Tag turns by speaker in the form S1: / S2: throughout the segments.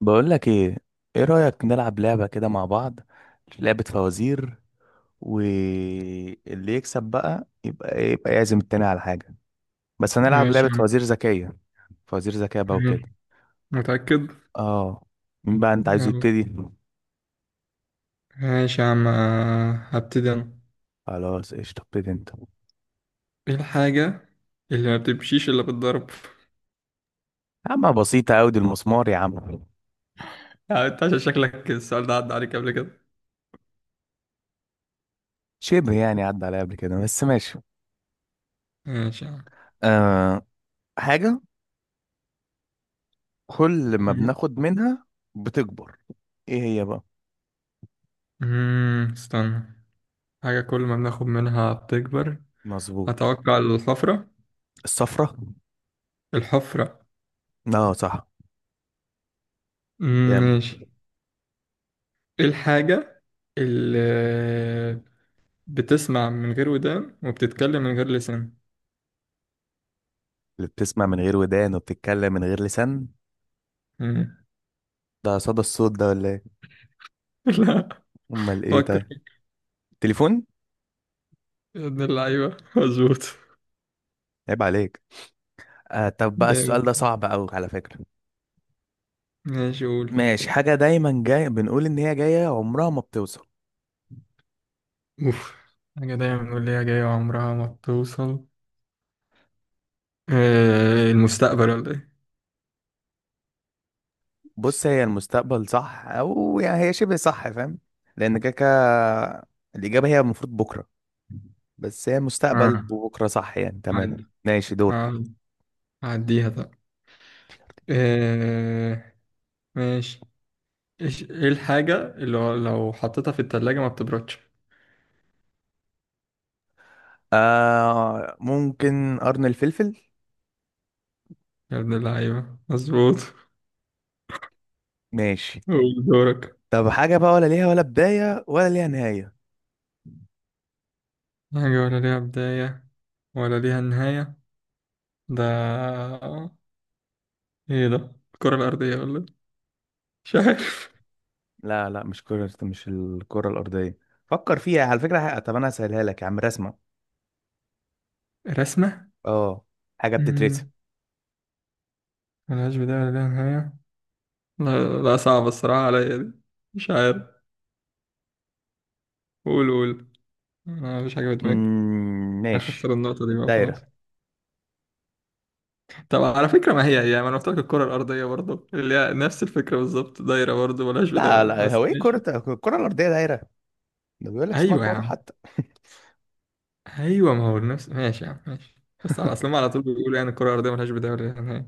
S1: بقول لك ايه؟ ايه رأيك نلعب لعبة كده مع بعض؟ لعبة فوازير. واللي يكسب بقى يبقى ايه، يبقى يعزم التاني على حاجة. بس هنلعب
S2: ماشي
S1: لعبة
S2: يا عم.
S1: فوازير ذكية. فوازير ذكية بقى وكده.
S2: تمام. متأكد؟
S1: اه. مين بقى انت عايز
S2: يلا.
S1: يبتدي؟
S2: ماشي يا عم هبتدي أنا.
S1: خلاص قشطة، ابتدي انت.
S2: إيه الحاجة اللي ما بتمشيش إلا بالضرب؟
S1: يا عم بسيطة اوي، دي المسمار يا عم.
S2: يعني أنت عشان شكلك السؤال ده عدى عليك قبل كده.
S1: شبه يعني عدى عليا قبل كده، بس ماشي.
S2: ماشي يا عم.
S1: آه. حاجة كل ما
S2: مم.
S1: بناخد منها بتكبر. ايه هي بقى؟
S2: استنى. حاجة كل ما بناخد منها بتكبر.
S1: مظبوط.
S2: أتوقع الحفرة.
S1: الصفرة.
S2: الحفرة.
S1: اه صح. جامد.
S2: ماشي. إيه الحاجة اللي بتسمع من غير ودان وبتتكلم من غير لسان؟
S1: اللي بتسمع من غير ودان وبتتكلم من غير لسان.
S2: مم.
S1: ده صدى الصوت ده ولا ايه؟
S2: لا.
S1: امال ايه
S2: فكر.
S1: طيب؟ تليفون.
S2: يا ابن اللعيبة مظبوط.
S1: عيب عليك. آه، طب بقى
S2: جامد.
S1: السؤال ده صعب قوي على فكرة.
S2: ماشي قول.
S1: ماشي. حاجة دايما جاي بنقول ان هي جاية، عمرها ما بتوصل.
S2: اوف. حاجة دايما نقول ليها جاية عمرها ما بتوصل. المستقبل ولا ايه؟
S1: بص،
S2: بس.
S1: هي المستقبل صح، او يعني هي شبه صح، فاهم؟ لان كده كده الإجابة هي المفروض بكرة. بس هي المستقبل
S2: اه،
S1: وبكرة صح يعني، تمام.
S2: عدي.
S1: ماشي دورك.
S2: اه، عديها طب. آه ماشي. ايه الحاجة اللي هو لو حطيتها في التلاجة ما بتبردش؟
S1: آه ممكن قرن الفلفل.
S2: يا ابن اللعيبة مظبوط.
S1: ماشي.
S2: قول دورك.
S1: طب حاجة بقى ولا ليها ولا بداية ولا ليها نهاية.
S2: حاجة ولا ليها بداية ولا ليها نهاية. ده ايه ده؟ الكرة الأرضية ولا إيه؟ مش عارف.
S1: لا لا، مش كرة، مش الكرة الأرضية. فكر فيها على فكرة. طب أنا هسهلها لك يا عم، رسمة.
S2: رسمة؟
S1: اه. حاجة بتترسم.
S2: مم، ملهاش بداية ولا ليها نهاية. لا، لا صعب الصراحة عليا دي. مش عارف. قول قول. أنا مش حاجة بدماغي.
S1: ماشي.
S2: هخسر النقطة دي بقى خلاص.
S1: الدايرة.
S2: طب على فكرة ما هي هي ما أنا قلت لك الكرة الأرضية برضه اللي هي نفس الفكرة بالظبط دايرة برضه ملهاش بداية
S1: لا
S2: ولا لأ،
S1: لا،
S2: بس
S1: هو ايه
S2: ماشي.
S1: كرة؟ الكرة الأرضية دايرة. ده بيقول لك اسمها
S2: أيوه يا
S1: كرة
S2: عم.
S1: حتى
S2: أيوه ما هو نفس، ماشي يا عم ماشي. بس على أصل هما على طول بيقولوا يعني الكرة الأرضية ملهاش بداية ولا نهاية.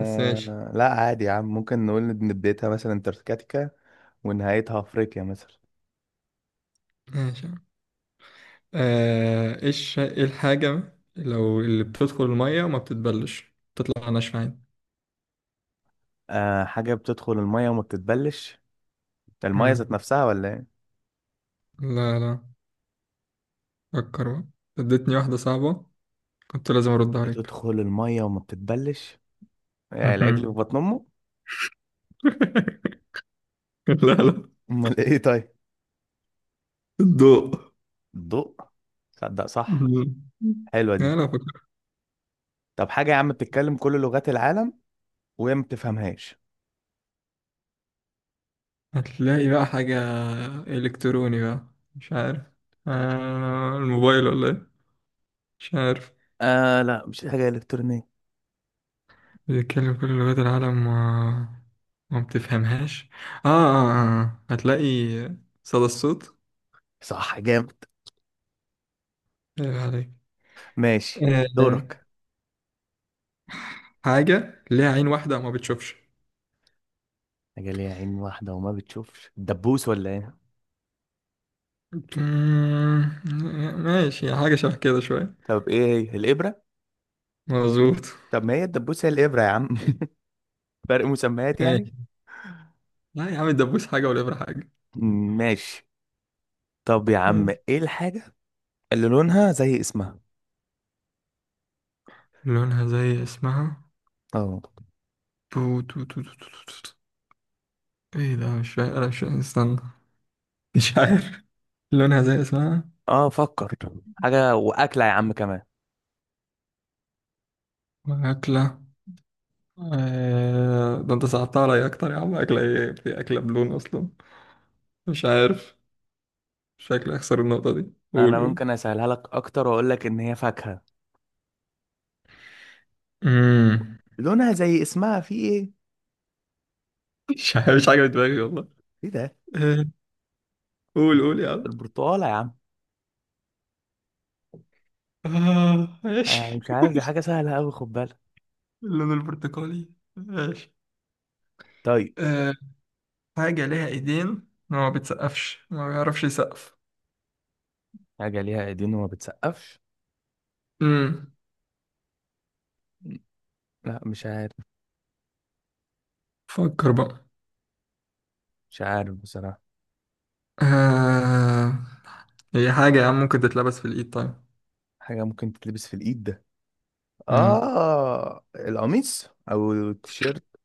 S2: بس ماشي.
S1: لا، عادي يا عم، ممكن نقول إن بدايتها مثلا انتاركتيكا. ونهايتها أفريقيا مثلا.
S2: ماشي يا عم. آه، إيش إيه الحاجة لو اللي بتدخل المية وما بتتبلش تطلع ناشفة عادي؟
S1: آه، حاجة بتدخل المية وما بتتبلش. ده المية ذات
S2: مم.
S1: نفسها ولا ايه؟
S2: لا لا فكر بقى. اديتني واحدة صعبة. كنت لازم أرد عليك.
S1: بتدخل المية وما بتتبلش. يعني العجل في
S2: مهم.
S1: بطن أمه؟
S2: لا لا.
S1: أمال ايه طيب؟
S2: الضوء.
S1: الضوء. تصدق صح.
S2: مهم.
S1: حلوة
S2: لا
S1: دي.
S2: لا فكر.
S1: طب حاجة يا عم بتتكلم كل لغات العالم وهي ما بتفهمهاش.
S2: هتلاقي بقى حاجة إلكتروني بقى. مش عارف. الموبايل ولا إيه؟ مش عارف.
S1: آه لا، مش حاجة إلكترونية.
S2: بيتكلم كل لغات العالم وما ما بتفهمهاش. هتلاقي. صدى الصوت.
S1: صح، جامد.
S2: ايه عليك.
S1: ماشي
S2: آه
S1: دورك.
S2: حاجة ليها عين واحدة وما بتشوفش؟
S1: حاجة ليها عين واحدة وما بتشوفش، الدبوس ولا ايه؟
S2: مم، ماشي. حاجة شبه كده شوية.
S1: طب ايه هي؟ الإبرة.
S2: مظبوط.
S1: طب ما هي الدبوس هي الإبرة يا عم فرق مسميات يعني.
S2: ماشي. لا يا عم الدبوس حاجة والإبرة حاجة.
S1: ماشي. طب يا عم،
S2: ماشي.
S1: ايه الحاجة اللي لونها زي اسمها؟
S2: لونها زي اسمها.
S1: اه.
S2: بو تو تو تو تو تو تو. ايه ده؟ مش فاهم انا، مش فاهم، استنى. مش عارف. لونها زي اسمها.
S1: اه فكر. حاجة وأكلة يا عم كمان.
S2: وأكلة. ده انت صعبتها عليا أكتر يا عم. أكلة ايه؟ في أكلة بلون أصلا؟ مش عارف. شكلي أخسر النقطة دي. قول
S1: انا
S2: قول.
S1: ممكن اسهلها لك اكتر واقول لك ان هي فاكهة.
S2: مم.
S1: لونها زي اسمها، في ايه؟
S2: مش عارف. مش حاجة في دماغي والله.
S1: ايه ده؟
S2: آه، قول قول يا عم.
S1: البرتقاله يا عم. آه،
S2: ماشي.
S1: مش عارف، دي حاجه سهله قوي، خد بالك.
S2: اللون البرتقالي. ماشي.
S1: طيب.
S2: حاجة ليها ايدين ما بتسقفش، ما بيعرفش يسقف؟
S1: حاجه ليها ايدين وما بتسقفش.
S2: امم
S1: لا مش عارف.
S2: فكر بقى.
S1: مش عارف بصراحه.
S2: آه... هي حاجة يا عم ممكن تتلبس في الايد طيب؟
S1: حاجه ممكن تتلبس في الايد، ده
S2: امم.
S1: اه القميص او التيشيرت.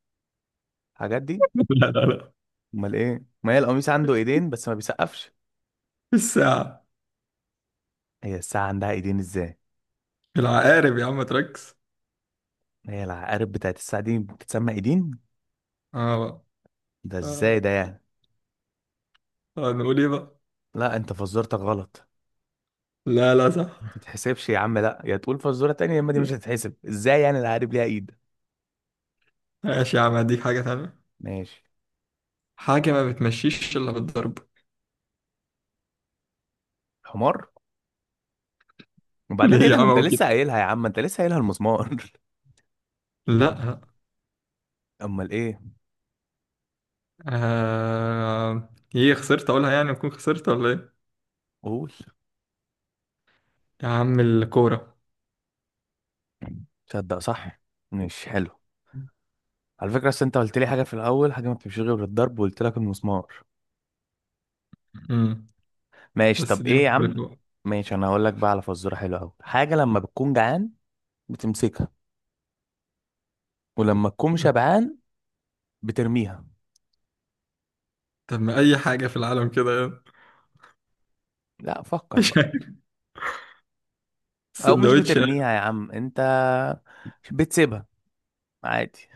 S1: الحاجات دي.
S2: لا لا لا.
S1: امال ايه؟ ما هي القميص عنده ايدين بس ما بيسقفش.
S2: الساعة.
S1: هي الساعه عندها ايدين ازاي؟
S2: العقارب يا عم تركز.
S1: هي العقارب بتاعت الساعه دي بتتسمى ايدين؟
S2: اه بقى.
S1: ده ازاي
S2: آه.
S1: ده يعني.
S2: آه. نقول ايه بقى؟
S1: لا انت فزرتك غلط.
S2: لا لا صح.
S1: ما تتحسبش يا عم، لا، يا تقول فزوره تانية يا اما دي
S2: لا.
S1: مش هتتحسب، ازاي يعني العقارب ليها ايد.
S2: ماشي يا عم هديك حاجة تانية.
S1: ماشي.
S2: حاجة ما بتمشيش إلا بالضرب.
S1: حمار. وبعدين ايه
S2: ليه يا
S1: ده، ما
S2: عم
S1: انت
S2: أقول كده؟
S1: لسه قايلها يا عم، انت لسه قايلها المسمار
S2: لا.
S1: امال ايه؟
S2: ايه، خسرت أقولها يعني؟ أكون خسرت ولا ايه؟
S1: قول.
S2: يا عم الكورة.
S1: تصدق صح. مش حلو. على فكره، اصل انت قلت لي حاجه في الاول، حاجه ما بتمشيش غير بالضرب، وقلت لك المسمار.
S2: امم.
S1: ماشي،
S2: بس
S1: طب
S2: دي
S1: ايه يا
S2: مختلفة
S1: عم.
S2: بقى.
S1: ماشي، انا هقول لك بقى على فزوره حلوه قوي. حاجه لما بتكون جعان بتمسكها، ولما تكون شبعان بترميها.
S2: طب ما أي حاجة في العالم كده يعني.
S1: لا فكر
S2: مش
S1: بقى.
S2: عارف.
S1: او مش
S2: سندوتش يعني؟
S1: بترميها يا عم انت، بتسيبها عادي.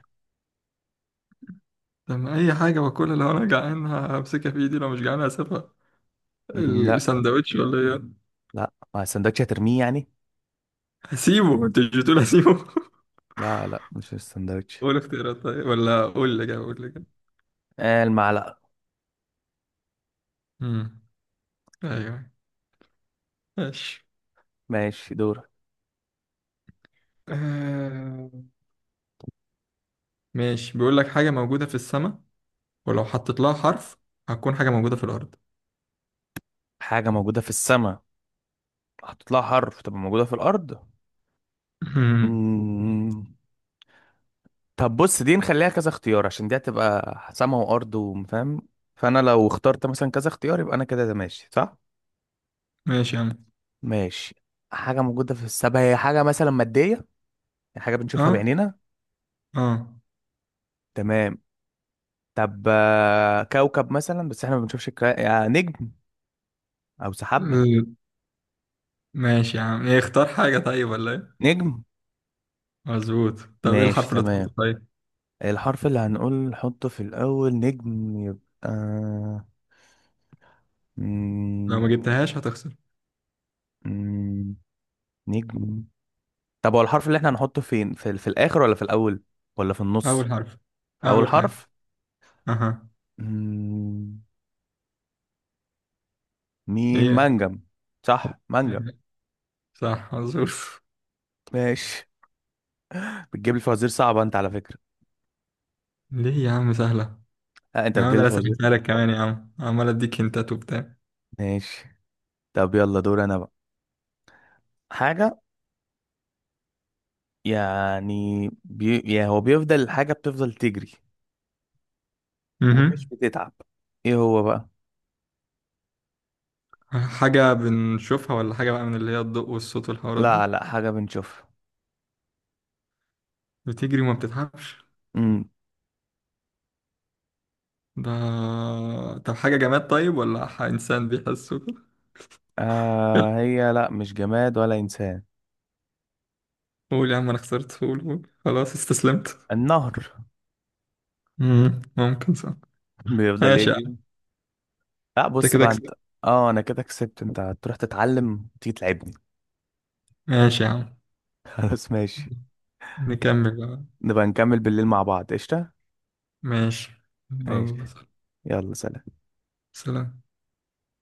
S2: طب ما أي حاجة باكلها، لو أنا جعان همسكها في إيدي، لو مش جعان هسيبها.
S1: مم، لا.
S2: السندوتش ولا إيه يعني؟
S1: لا، مع السندوتش هترميه يعني.
S2: هسيبه؟ أنت مش بتقول هسيبه؟
S1: لا لا، مش السندوتش.
S2: قول اختيارات طيب، ولا قول اللي جاي، قول اللي جاي.
S1: آه المعلقة.
S2: امم أيوه. ماشي.
S1: ماشي دور.
S2: آه، ماشي. بيقول لك حاجة موجودة في السماء، ولو حطيت لها حرف هتكون حاجة موجودة في الأرض.
S1: حاجة موجودة في السماء، هتطلع حرف تبقى موجودة في الأرض.
S2: مم.
S1: مم. طب بص، دي نخليها كذا اختيار، عشان دي هتبقى سما وأرض وفاهم. فأنا لو اخترت مثلا كذا اختيار يبقى أنا كده، ده ماشي صح؟
S2: ماشي يا عم.
S1: ماشي. حاجة موجودة في السماء، هي حاجة مثلا مادية. يعني حاجة بنشوفها
S2: أه.
S1: بعينينا.
S2: أه.
S1: تمام. طب آه، كوكب مثلا، بس احنا ما بنشوفش يعني نجم. أو سحابة.
S2: ال- ماشي يا عم إيه، اختار حاجة طيب ولا إيه؟
S1: نجم.
S2: مظبوط. طب ايه
S1: ماشي
S2: الحرف اللي طلعته
S1: تمام.
S2: طيب؟
S1: الحرف اللي هنقول نحطه في الأول، نجم يبقى
S2: لو ما
S1: مم...
S2: جبتهاش هتخسر.
S1: مم... نجم. طب هو الحرف اللي احنا هنحطه فين، في الآخر ولا في الأول، ولا في النص؟
S2: اول حرف.
S1: في أول
S2: اول حاجه.
S1: حرف.
S2: اها.
S1: مم... ميم
S2: ايه.
S1: منجم. صح، منجم.
S2: إيه. صح مظبوط.
S1: ماشي. بتجيب لي فوازير صعبة أنت على فكرة.
S2: ليه يا عم سهله؟
S1: لا، أنت
S2: يا عم
S1: بتجيب
S2: ده
S1: لي
S2: انا
S1: فوازير.
S2: سهلتها لك كمان يا عم عمال اديك هنتات وبتاع.
S1: ماشي، طب يلا دور أنا بقى. حاجة، يعني هو بيفضل، الحاجة بتفضل تجري ومش
S2: اها.
S1: بتتعب. ايه هو بقى؟
S2: حاجه بنشوفها، ولا حاجه بقى من اللي هي الضوء والصوت والحوارات
S1: لا
S2: ده؟
S1: لا، حاجة بنشوفها.
S2: بتجري وما بتتعبش.
S1: امم
S2: ده طب حاجه جماد طيب، ولا انسان بيحس وكده؟
S1: آه، هي لا، مش جماد ولا إنسان.
S2: قول يا عم انا خسرت. قول قول خلاص استسلمت.
S1: النهر.
S2: مم. ممكن صح.
S1: بيفضل
S2: ماشي يا عم.
S1: يجري. لا
S2: انت
S1: بص
S2: كده
S1: بقى انت.
S2: كسبت.
S1: اه انا كده كسبت، انت هتروح تتعلم تيجي تلعبني.
S2: ماشي يا عم.
S1: خلاص ماشي.
S2: نكمل بقى.
S1: نبقى نكمل بالليل مع بعض، قشطة.
S2: ماشي.
S1: ماشي.
S2: يلا.
S1: يلا سلام.
S2: سلام.